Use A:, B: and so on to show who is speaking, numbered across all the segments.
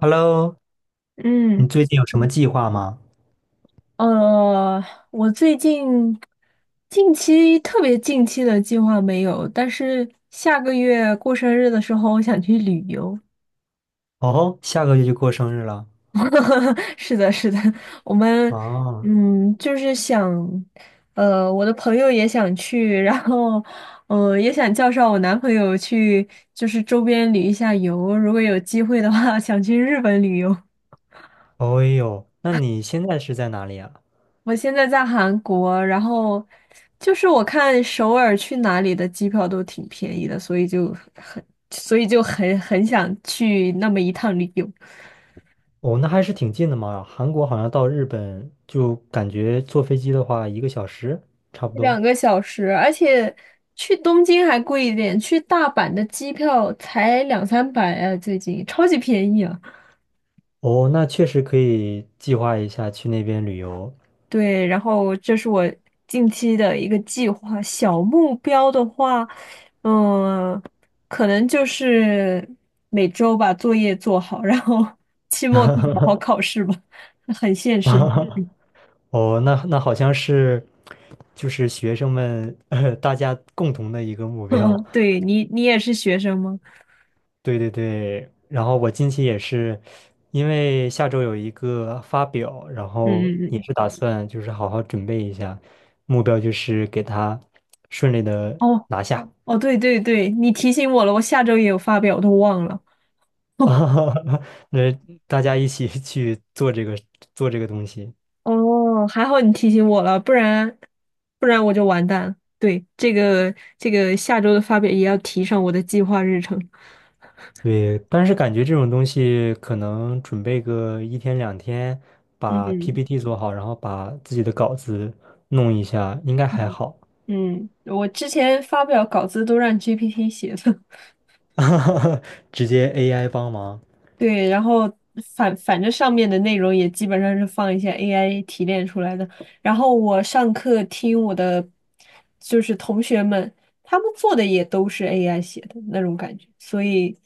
A: Hello，你
B: 嗯。
A: 最近有什么计划吗？
B: 呃，我最近近期特别近期的计划没有，但是下个月过生日的时候，我想去旅游。
A: 哦，下个月就过生日了。
B: 是的，是的，我们
A: 哦，
B: 就是想，我的朋友也想去，然后也想叫上我男朋友去，就是周边旅一下游。如果有机会的话，想去日本旅游。
A: 哦呦，那你现在是在哪里啊？
B: 我现在在韩国，然后就是我看首尔去哪里的机票都挺便宜的，所以就很，很想去那么一趟旅游，
A: 哦，那还是挺近的嘛。韩国好像到日本就感觉坐飞机的话，一个小时差不多。
B: 2个小时，而且去东京还贵一点，去大阪的机票才两三百啊，最近超级便宜啊。
A: 哦，那确实可以计划一下去那边旅游。
B: 对，然后这是我近期的一个计划，小目标的话，嗯，可能就是每周把作业做好，然后 期末可以好好考 试吧，很现实的目标。
A: 哦，那好像是就是学生们，大家共同的一个目 标。
B: 嗯，对，你也是学生吗？
A: 对对对，然后我近期也是，因为下周有一个发表，然
B: 嗯
A: 后
B: 嗯
A: 也
B: 嗯，
A: 是打算就是好好准备一下，目标就是给他顺利的
B: 哦
A: 拿下，
B: 哦，对对对，你提醒我了，我下周也有发表，我都忘了。
A: 啊那大家一起去做这个东西。
B: 哦，还好你提醒我了，不然我就完蛋了。对，这个下周的发表也要提上我的计划日程。
A: 对，但是感觉这种东西可能准备个一天两天，把
B: 嗯
A: PPT 做好，然后把自己的稿子弄一下，应该还
B: 嗯
A: 好，
B: 嗯，我之前发表稿子都让 GPT 写的，
A: 直接 AI 帮忙。
B: 对，然后反正上面的内容也基本上是放一些 AI 提炼出来的。然后我上课听我的就是同学们，他们做的也都是 AI 写的那种感觉，所以。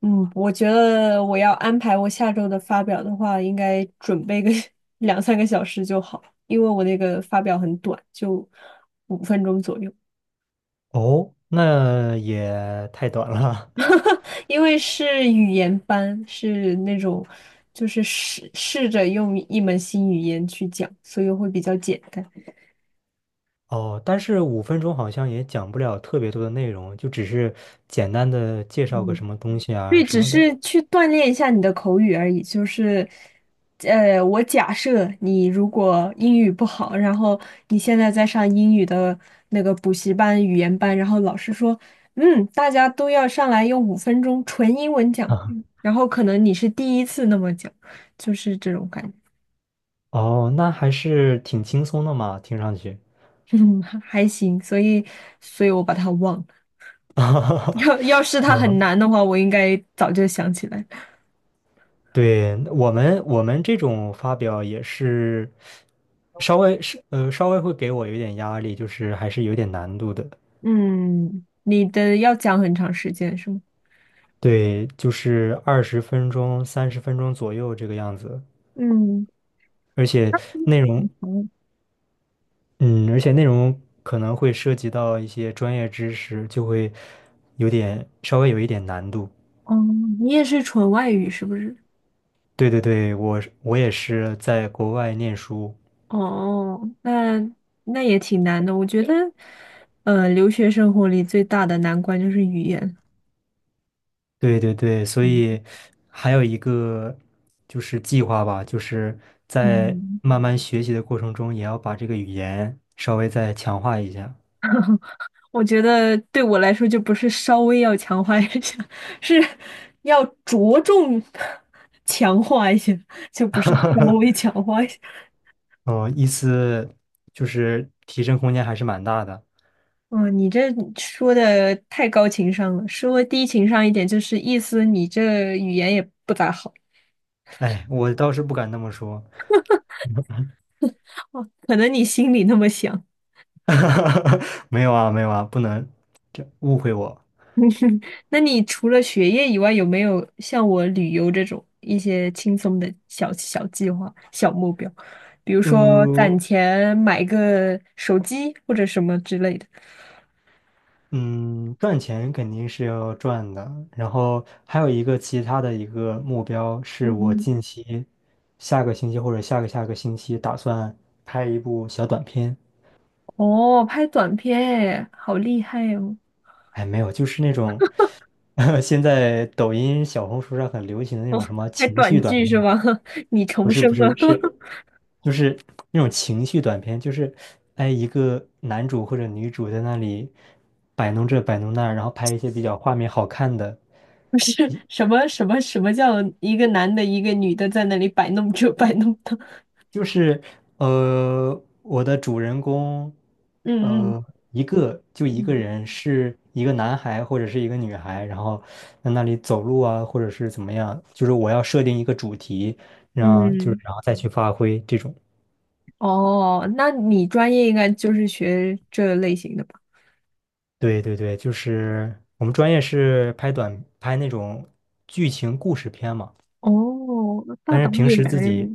B: 我觉得我要安排我下周的发表的话，应该准备个 两三个小时就好，因为我那个发表很短，就五分钟左右。
A: 哦，那也太短了。
B: 因为是语言班，是那种就是试着用一门新语言去讲，所以会比较简单。
A: 哦，但是5分钟好像也讲不了特别多的内容，就只是简单的介绍个
B: 嗯。
A: 什么东西啊
B: 对，
A: 什
B: 只
A: 么的。
B: 是去锻炼一下你的口语而已。就是，我假设你如果英语不好，然后你现在在上英语的那个补习班、语言班，然后老师说，大家都要上来用五分钟纯英文讲，然后可能你是第一次那么讲，就是这种感
A: 哦，那还是挺轻松的嘛，听上去。
B: 觉。嗯，还行。所以，所以我把它忘了。要是 它很难的话，我应该早就想起来。
A: 对，我们这种发表也是稍微会给我有点压力，就是还是有点难度的。
B: 嗯，你的要讲很长时间是吗？
A: 对，就是20分钟、30分钟左右这个样子，
B: 嗯。
A: 而且内容
B: 嗯
A: 嗯，而且内容可能会涉及到一些专业知识，就会有点稍微有一点难度。
B: 哦，你也是纯外语是不是？
A: 对对对，我也是在国外念书，
B: 哦，那也挺难的。我觉得，留学生活里最大的难关就是语言。
A: 对对对，所
B: 嗯
A: 以还有一个就是计划吧，就是在
B: 嗯，
A: 慢慢学习的过程中，也要把这个语言稍微再强化一下。
B: 我觉得对我来说就不是稍微要强化一下，是要着重 强化一下，就不是稍微强化一下。
A: 哦，意思就是提升空间还是蛮大的。
B: 嗯，你这说的太高情商了，稍微低情商一点就是意思你这语言也不咋好，
A: 哎，我倒是不敢那么说。
B: 哦，可能你心里那么想。
A: 哈哈，没有啊，没有啊，不能这误会我。
B: 那你除了学业以外，有没有像我旅游这种一些轻松的小小计划、小目标？比如说
A: 嗯
B: 攒钱买个手机或者什么之类的。
A: 嗯，赚钱肯定是要赚的，然后还有一个其他的一个目标是我
B: 嗯，
A: 近期下个星期或者下个下个星期打算拍一部小短片。
B: 哦，拍短片哎，好厉害哦！
A: 哎，没有，就是那种 现在抖音、小红书上很流行的那
B: 哦，
A: 种什么
B: 拍
A: 情
B: 短
A: 绪短
B: 剧
A: 片
B: 是
A: 啊
B: 吗？你
A: 不
B: 重
A: 是不
B: 生了，
A: 是 是。就是那种情绪短片，就是哎一个男主或者女主在那里摆弄这摆弄那，然后拍一些比较画面好看的，
B: 不是什么什么什么叫一个男的，一个女的在那里摆弄这摆弄那？
A: 就是我的主人公
B: 嗯嗯
A: 呃一个就一个
B: 嗯
A: 人是一个男孩或者是一个女孩，然后在那里走路啊或者是怎么样，就是我要设定一个主题，让就是
B: 嗯，
A: 然后再去发挥这种。
B: 哦，那你专业应该就是学这类型的吧？
A: 对对对，就是我们专业是拍那种剧情故事片嘛，
B: 哦，大
A: 但是
B: 导
A: 平
B: 演
A: 时自己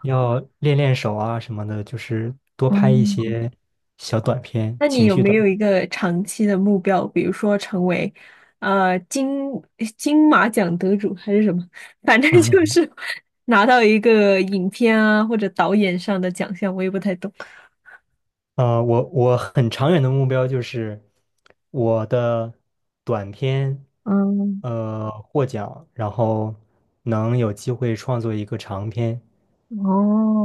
A: 要练练手啊什么的，就是多拍一
B: 哦，
A: 些小短片，
B: 那你
A: 情
B: 有
A: 绪
B: 没
A: 短
B: 有一
A: 片。
B: 个长期的目标，比如说成为呃金金马奖得主还是什么？反正就 是拿到一个影片啊或者导演上的奖项，我也不太懂。
A: 我很长远的目标就是我的短片，
B: 嗯，
A: 获奖，然后能有机会创作一个长片，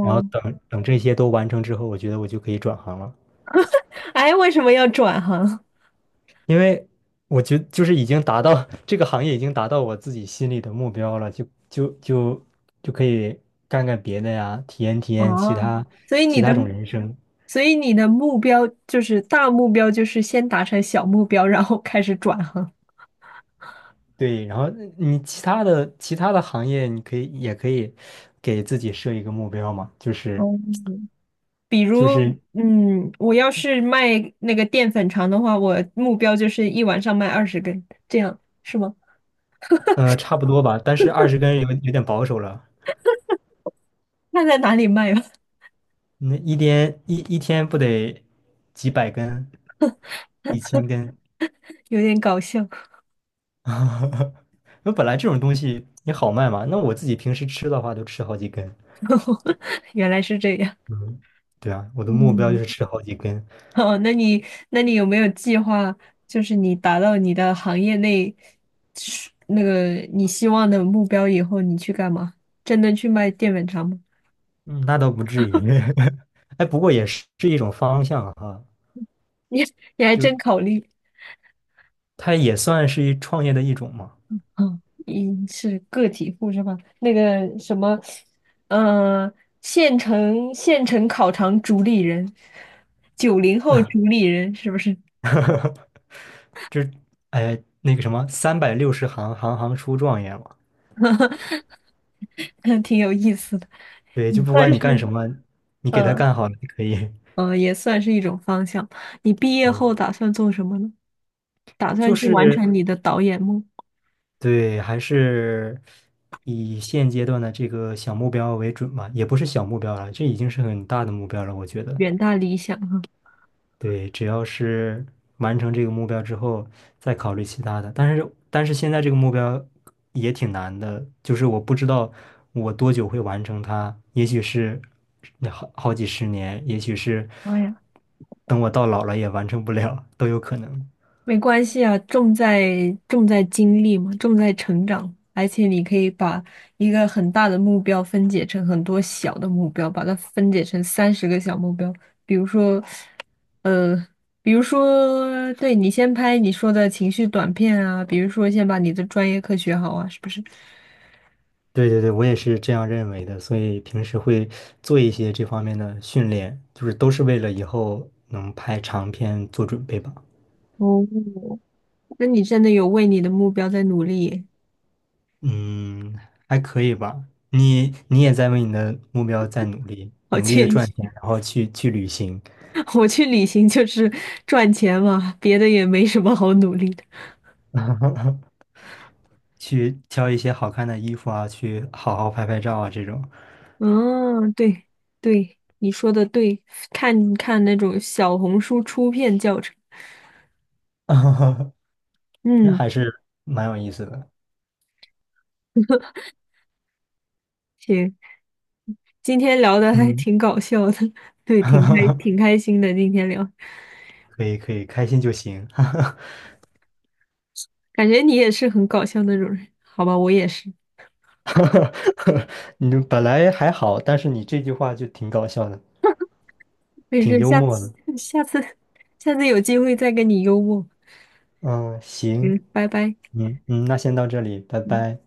A: 然后等等这些都完成之后，我觉得我就可以转行了。
B: 哎，为什么要转行？
A: 因为我觉得就是已经达到 这个行业已经达到我自己心里的目标了，就可以干干别的呀，体验体 验其
B: 哦，
A: 他
B: 所以
A: 其
B: 你的，
A: 他种人生。
B: 所以你的目标就是大目标，就是先达成小目标，然后开始转行。
A: 对，然后你其他的行业，你可以也可以给自己设一个目标嘛，就是
B: 哦，
A: 就是
B: 嗯，我要是卖那个淀粉肠的话，我目标就是一晚上卖20根，这样是吗？
A: 呃差不多吧，但是20根有点保守了，
B: 那在哪里卖啊？
A: 那一天不得几百根，1000根。
B: 有点搞笑，
A: 那本来这种东西也好卖嘛，那我自己平时吃的话都吃好几根，
B: 原来是这样。
A: 嗯对啊，我的目标就
B: 嗯，
A: 是吃好几根，
B: 哦，那你有没有计划，就是你达到你的行业内是那个你希望的目标以后，你去干嘛？真的去卖淀粉肠吗？
A: 嗯，那倒不至于。哎，不过也是一种方向哈，
B: 你你还
A: 就是
B: 真考虑。
A: 它也算是一创业的一种嘛，
B: 嗯，一是个体户是吧？那个什么，呃，县城烤肠主理人，90后主理人是不是？
A: 就是哎那个什么三百六十行，行行出状元嘛，
B: 挺有意思的，
A: 对，就不
B: 算
A: 管你干什
B: 是
A: 么，你给他
B: 呃
A: 干好了就可以。
B: 也算是一种方向。你毕业后
A: 嗯
B: 打算做什么呢？打算
A: 就
B: 去完
A: 是
B: 成你的导演梦，
A: 对，还是以现阶段的这个小目标为准吧，也不是小目标了，这已经是很大的目标了，我觉得。
B: 远大理想。
A: 对，只要是完成这个目标之后，再考虑其他的。但是现在这个目标也挺难的，就是我不知道我多久会完成它，也许是好几十年，也许是
B: 妈呀！
A: 等我到老了也完成不了，都有可能。
B: 没关系啊，重在经历嘛，重在成长，而且你可以把一个很大的目标分解成很多小的目标，把它分解成30个小目标。比如说，呃，比如说，对，你先拍你说的情绪短片啊，比如说先把你的专业课学好啊，是不是？
A: 对对对，我也是这样认为的，所以平时会做一些这方面的训练，就是都是为了以后能拍长片做准备吧。
B: 哦，那你真的有为你的目标在努力耶。
A: 嗯，还可以吧。你也在为你的目标在努力，
B: 好
A: 努力的
B: 建
A: 赚钱，
B: 议。
A: 然后去旅行，
B: 我去旅行就是赚钱嘛，别的也没什么好努力的。
A: 去挑一些好看的衣服啊，去好好拍拍照啊，这种，
B: 嗯，对对，你说的对，看看那种小红书出片教程。
A: 那
B: 嗯，
A: 还是蛮有意思的。
B: 行，今天聊的还
A: 嗯，
B: 挺搞笑的，对，挺开 挺开心的。今天聊，
A: 可以可以，开心就行。
B: 感觉你也是很搞笑那种人，好吧，我也是。
A: 你本来还好，但是你这句话就挺搞笑的，
B: 没
A: 挺
B: 事，
A: 幽默的。
B: 下次下次有机会再跟你幽默。
A: 嗯，行，
B: 嗯，拜拜。
A: 嗯嗯，那先到这里，拜
B: 嗯。
A: 拜。